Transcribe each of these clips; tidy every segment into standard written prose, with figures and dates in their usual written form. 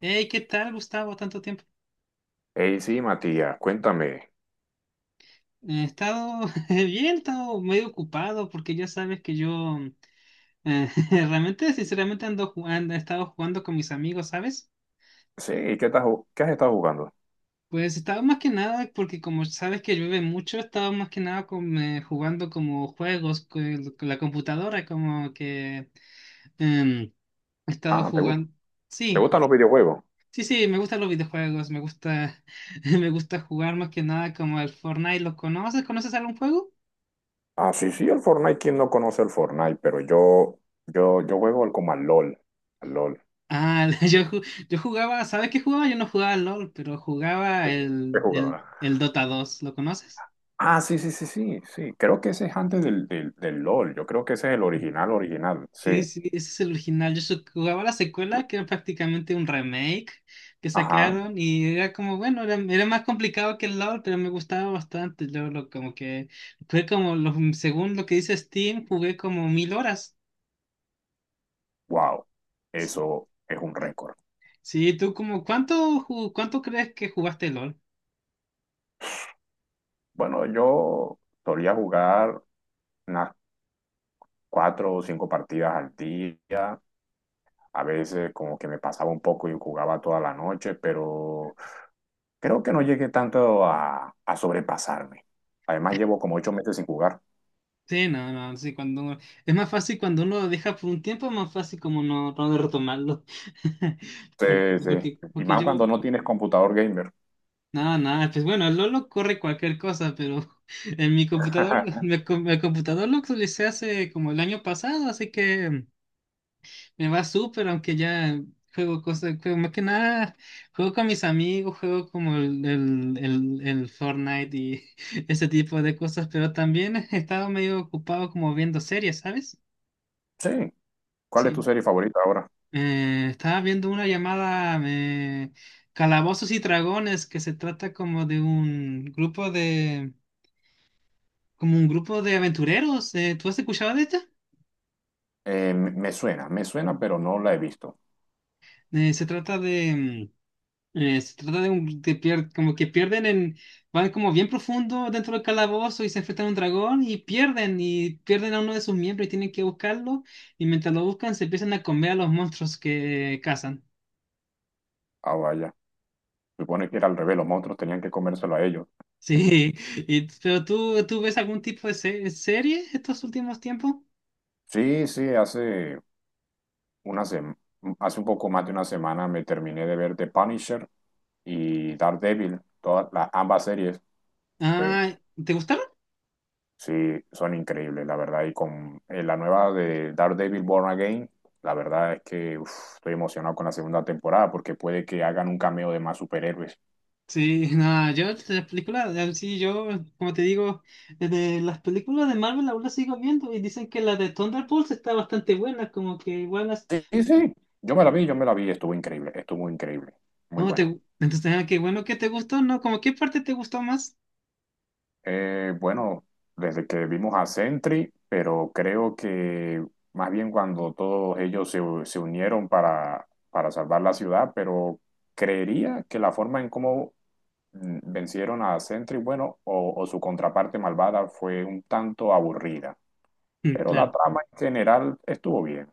Hey, ¿qué tal, Gustavo? Tanto tiempo. Hey, sí, Matías, cuéntame. He estado bien, he estado medio ocupado porque ya sabes que yo eh, realmente, sinceramente, ando jugando, he estado jugando con mis amigos, ¿sabes? Sí, ¿qué estás, qué has estado jugando? Pues estaba más que nada, porque como sabes que llueve mucho, estaba más que nada con, jugando como juegos con la computadora, como que em, he estado Ah, ¿te, gu- jugando. Te Sí, gustan los videojuegos? sí, sí, me gustan los videojuegos, me gusta, me gusta jugar más que nada como el Fortnite. ¿Lo conoces? ¿Conoces algún juego? Ah, sí, sí, el Fortnite, ¿quién no conoce el Fortnite? Pero yo, yo juego como al LOL, al LOL. Ah, yo jugaba, ¿sabes qué jugaba? Yo no jugaba al LOL, pero jugaba ¿Qué, el, qué el, jugaba? el Dota 2, ¿lo conoces? Ah, sí, sí, sí, sí, sí. Creo que ese es antes del LOL. Yo creo que ese es el original, original. Sí. Sí, sí, ese es el original. Yo jugaba la secuela, que era prácticamente un remake que Ajá. sacaron y era como, bueno, era más complicado que el LoL, pero me gustaba bastante. Yo lo, como que, fue como, según lo que dice Steam, jugué como 1000 horas. Wow. Sí, Eso es un récord. sí, ¿tú como cuánto crees que jugaste LoL? Bueno, yo solía jugar unas cuatro o cinco partidas al día. A veces como que me pasaba un poco y jugaba toda la noche, pero creo que no llegué tanto a sobrepasarme. Además llevo como 8 meses sin jugar. Sí, no, no, sí, cuando es más fácil cuando uno lo deja por un tiempo, es más fácil como no, no retomarlo. Sí, Porque, sí. porque Y porque más cuando yo, no tienes computador gamer. nada, nada, pues bueno, el Lolo corre cualquier cosa, pero en mi computador, mi computador lo actualicé hace como el año pasado, así que me va súper, aunque ya juego cosas, juego más que nada, juego con mis amigos, juego como el Fortnite y ese tipo de cosas, pero también he estado medio ocupado como viendo series, ¿sabes? Sí. ¿Cuál es tu Sí. serie favorita ahora? Estaba viendo una llamada Calabozos y Dragones que se trata como de un grupo de como un grupo de aventureros. ¿Tú has escuchado de esta? Me suena, me suena, pero no la he visto. Se trata de como que pierden en van como bien profundo dentro del calabozo y se enfrentan a un dragón y pierden a uno de sus miembros y tienen que buscarlo y mientras lo buscan se empiezan a comer a los monstruos que cazan. Ah, vaya. Supone que era al revés, los monstruos tenían que comérselo a ellos. Sí, pero tú, ¿tú ves algún tipo de serie estos últimos tiempos? Sí, sí, hace una sem- hace un poco más de una semana me terminé de ver The Punisher y Daredevil, todas las ambas series. Sí. Ah, ¿te gustaron? Sí, son increíbles, la verdad. Y con la nueva de Daredevil Born Again, la verdad es que uf, estoy emocionado con la segunda temporada porque puede que hagan un cameo de más superhéroes. Sí, nada, yo las películas, sí, yo, como te digo, de las películas de Marvel aún las sigo viendo y dicen que la de Thunderbolts está bastante buena, como que buenas. Sí, sí, sí. Yo me la vi, estuvo increíble, muy ¿Cómo te, buena. entonces, qué bueno que te gustó, ¿no? ¿Cómo qué parte te gustó más? Bueno, desde que vimos a Sentry, pero creo que más bien cuando todos ellos se unieron para salvar la ciudad, pero creería que la forma en cómo vencieron a Sentry, bueno, o su contraparte malvada fue un tanto aburrida, Mm, pero la claro. trama en general estuvo bien,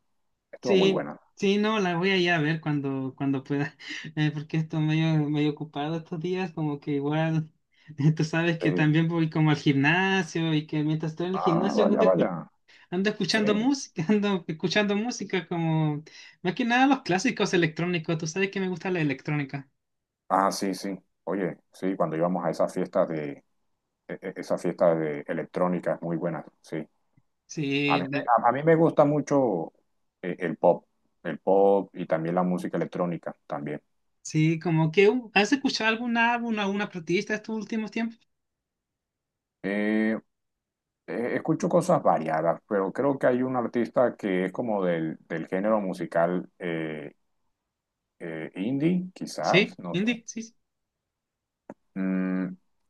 estuvo muy Sí, buena. sí, no, la voy a ir a ver cuando, cuando pueda, porque estoy medio, medio ocupado estos días, como que igual, tú sabes que Sí. también voy como al gimnasio y que mientras estoy en el Ah, gimnasio ando, vaya, vaya. ando Sí. escuchando música, ando escuchando música como, más que nada los clásicos electrónicos, tú sabes que me gusta la electrónica. Ah, sí, sí. Oye, sí, cuando íbamos a esas fiestas de esas fiestas de electrónicas muy buenas, sí. A Sí, mí, me- a, A mí me gusta mucho eh, el pop, el pop y también la música electrónica también. sí, como que, ¿has escuchado algún álbum, alguna artista estos últimos tiempos? Eh, escucho cosas variadas, pero creo que hay un artista que es como del género musical indie, quizás, Sí, no sé, indie, sí, sí. mm,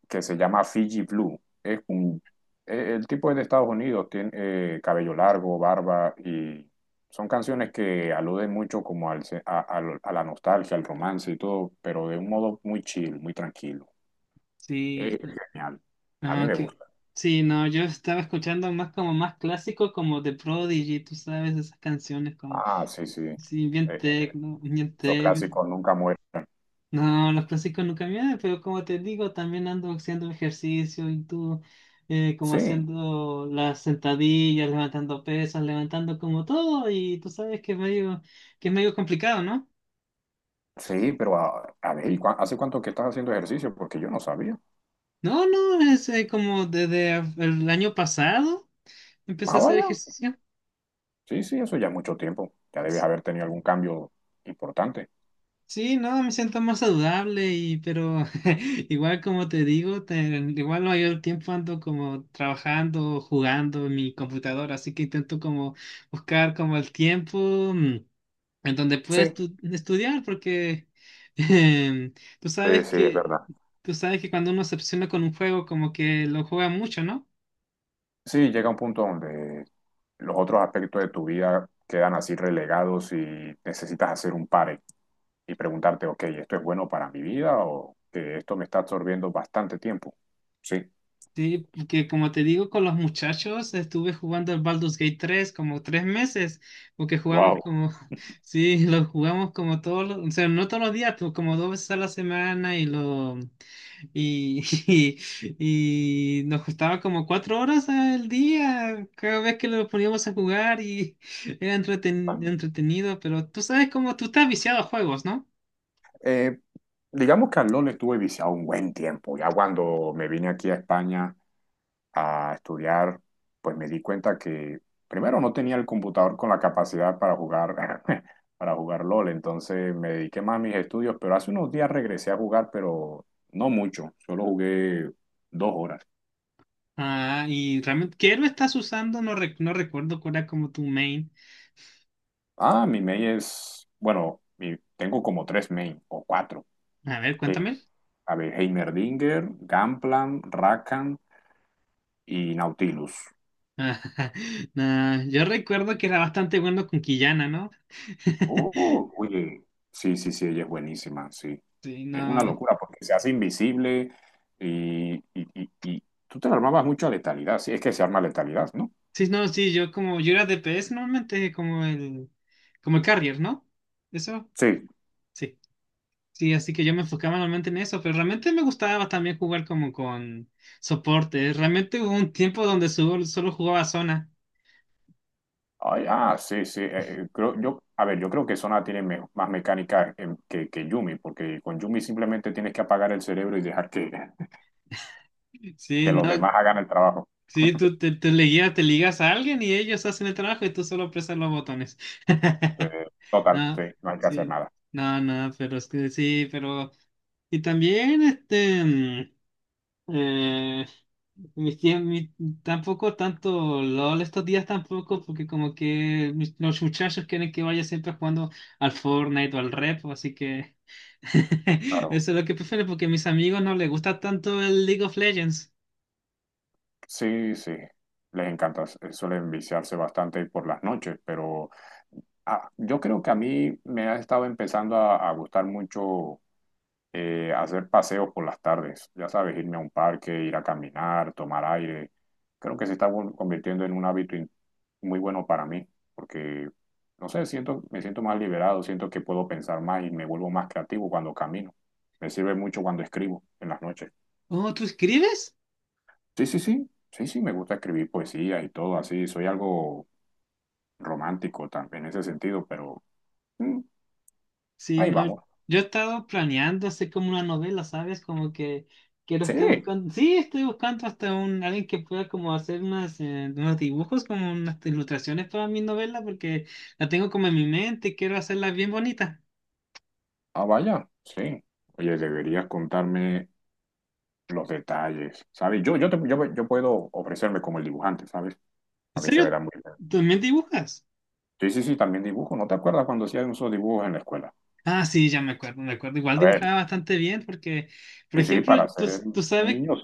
que se llama Fiji Blue. El tipo es de Estados Unidos, tiene cabello largo, barba y son canciones que aluden mucho como al, se- a- lo- a la nostalgia, al romance y todo, pero de un modo muy chill, muy tranquilo. Sí. Es genial. A mí Ah, me que gusta. sí, no, yo estaba escuchando más como más clásico, como The Prodigy, tú sabes, esas canciones como, Ah, sí, sí. Sí, bien eh, tecno, bien esos tecno. clásicos nunca mueren. No, los clásicos nunca me dan, pero como te digo, también ando haciendo ejercicio y tú, como Sí. haciendo las sentadillas, levantando pesas, levantando como todo, y tú sabes que es medio complicado, ¿no? Sí, pero a ver, ¿y hace cuánto que estás haciendo ejercicio? Porque yo no sabía. No, no, es como desde el año pasado empecé Ah, a hacer vaya. ejercicio. Sí, sí, eso ya mucho tiempo. Ya debes haber tenido algún cambio importante. Sí, no, me siento más saludable y pero igual como te digo, igual no hay el tiempo ando como trabajando, jugando en mi computadora, así que intento como buscar como el tiempo mm, en donde pueda Sí, estudiar porque em, tú sí, sabes sí, es que verdad. tú sabes que cuando uno se obsesiona con un juego como que lo juega mucho, ¿no? Sí, llega un punto donde los otros aspectos de tu vida quedan así relegados y necesitas hacer un pare y preguntarte, ok, ¿esto es bueno para mi vida o que esto me está absorbiendo bastante tiempo? Sí. Sí, porque como te digo, con los muchachos estuve jugando el Baldur's Gate 3 como 3 meses, porque jugamos Wow. como, sí, lo jugamos como todos los, o sea, no todos los días, pero como 2 veces a la semana y lo, y, y nos costaba como 4 horas al día cada vez que lo poníamos a jugar y era entretenido, pero tú sabes cómo tú estás viciado a juegos, ¿no? Eh, digamos que al LOL estuve viciado un buen tiempo. Ya cuando me vine aquí a España a estudiar, pues me di cuenta que primero no tenía el computador con la capacidad para jugar, para jugar LOL, entonces me dediqué más a mis estudios, pero hace unos días regresé a jugar, pero no mucho, solo jugué 2 horas. Ah, y realmente, ¿qué héroe estás usando? No, no recuerdo cuál era como tu main. Ah, mi main es, bueno, tengo como tres main o cuatro. A ver, Sí. cuéntame. A ver, Heimerdinger, Gangplank, Rakan y Nautilus. Ah, nah, yo recuerdo que era bastante bueno con Quillana, ¿no? Oye, sí, sí, sí, ella es buenísima, sí. Sí, Es una no. locura porque se hace invisible y tú te la armabas mucho a letalidad, sí, es que se arma letalidad, ¿no? Sí, no, sí, yo como yo era DPS normalmente como el carrier, ¿no? Eso, Sí. sí. Sí, así que yo me enfocaba normalmente en eso, pero realmente me gustaba también jugar como con soporte. Realmente hubo un tiempo donde solo, solo jugaba zona. Ay, ah, sí, sí. A ver, yo creo que Sona tiene más mecánica que Yumi, porque con Yumi simplemente tienes que apagar el cerebro y dejar que, Sí, que los no. demás hagan el trabajo. Sí, tú te, te ligas a alguien y ellos hacen el trabajo y tú solo presas los botones. Total, sí, No, no hay que hacer sí, nada. no, no, pero es que sí, pero... Y también, eh, mi tie- mi- tampoco tanto LOL estos días tampoco, porque como que los muchachos quieren que vaya siempre jugando al Fortnite o al Rep, así que Claro. eso es lo que prefiero, porque a mis amigos no les gusta tanto el League of Legends. Sí, sí, les encanta, suelen viciarse bastante por las noches, pero... Ah, yo creo que a mí me ha estado empezando a gustar mucho hacer paseos por las tardes, ya sabes, irme a un parque, ir a caminar, tomar aire. Creo que se está convirtiendo en un hábito muy bueno para mí, porque, no sé, siento, me siento más liberado, siento que puedo pensar más y me vuelvo más creativo cuando camino. Me sirve mucho cuando escribo en las noches. Oh, ¿tú escribes? Sí, sí, sí, sí, sí, me gusta escribir poesía y todo así, soy algo romántico también en ese sentido, pero mm, Sí, ahí no, vamos. yo he estado planeando hacer como una novela, ¿sabes? Como que quiero, Sí. estoy buscando, sí, estoy buscando hasta alguien que pueda como hacer unas, unos dibujos, como unas ilustraciones para mi novela, porque la tengo como en mi mente y quiero hacerla bien bonita. Ah, vaya, sí. Oye, deberías contarme los detalles, ¿sabes? Yo, yo puedo ofrecerme como el dibujante, ¿sabes? A ¿En mí se me serio? da muy bien. ¿También dibujas? Sí, sí, sí, también dibujo. ¿No te acuerdas cuando hacían esos dibujos en la escuela? Ah, sí, ya me acuerdo, me acuerdo. Igual A ver, dibujaba bastante bien porque, por sí, sí, ejemplo, para tú, ser tú sabes. niños.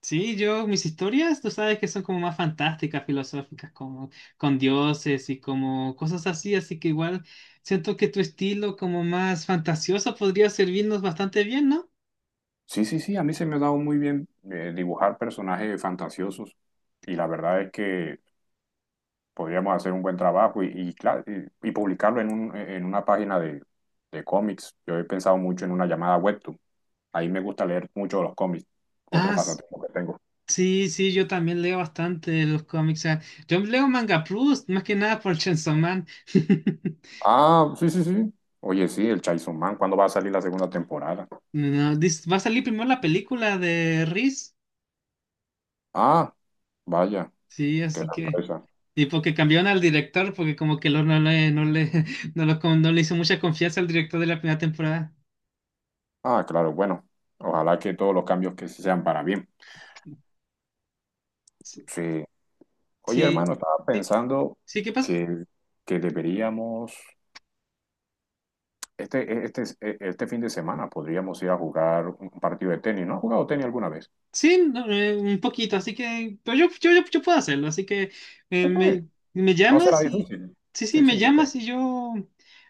Sí, yo, mis historias, tú sabes que son como más fantásticas, filosóficas, como con dioses y como cosas así, así que igual siento que tu estilo como más fantasioso podría servirnos bastante bien, ¿no? Sí, sí, sí, sí, a mí se me ha dado muy bien dibujar personajes fantasiosos y la verdad es que podríamos hacer un buen trabajo y, claro, y publicarlo en una página de cómics. Yo he pensado mucho en una llamada web. Ahí me gusta leer mucho los cómics, otro Ah, pasatiempo que tengo. sí, sí, yo también leo bastante los cómics. Yo leo Manga Plus, más que nada por Chainsaw Man. Ah, sí, sí, sí. Oye, sí, el Chainsaw Man, ¿cuándo va a salir la segunda temporada? No, va a salir primero la película de Riz. Ah, vaya, Sí, qué así que. sorpresa. Y porque cambiaron al director, porque como que no le hizo mucha confianza al director de la primera temporada. Ah, claro, bueno, ojalá que todos los cambios que se sean para bien. Sí, Sí. Oye, sí, hermano, estaba sí, pensando sí, ¿qué pasa? que, que deberíamos, este fin de semana podríamos ir a jugar un partido de tenis. ¿No has jugado tenis alguna vez? Sí, no, un poquito, así que, pero yo puedo hacerlo, así que Sí, sí, me no será llamas y, difícil. sí, sí, Sí, me sí, yo te... llamas y yo,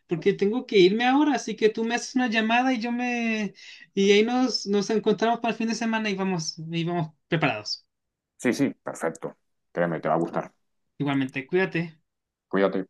porque tengo que irme ahora, así que tú me haces una llamada y yo me, y ahí nos encontramos para el fin de semana y vamos, preparados. Sí, sí, perfecto. Créeme, te va a gustar. Igualmente, cuídate. Cuídate.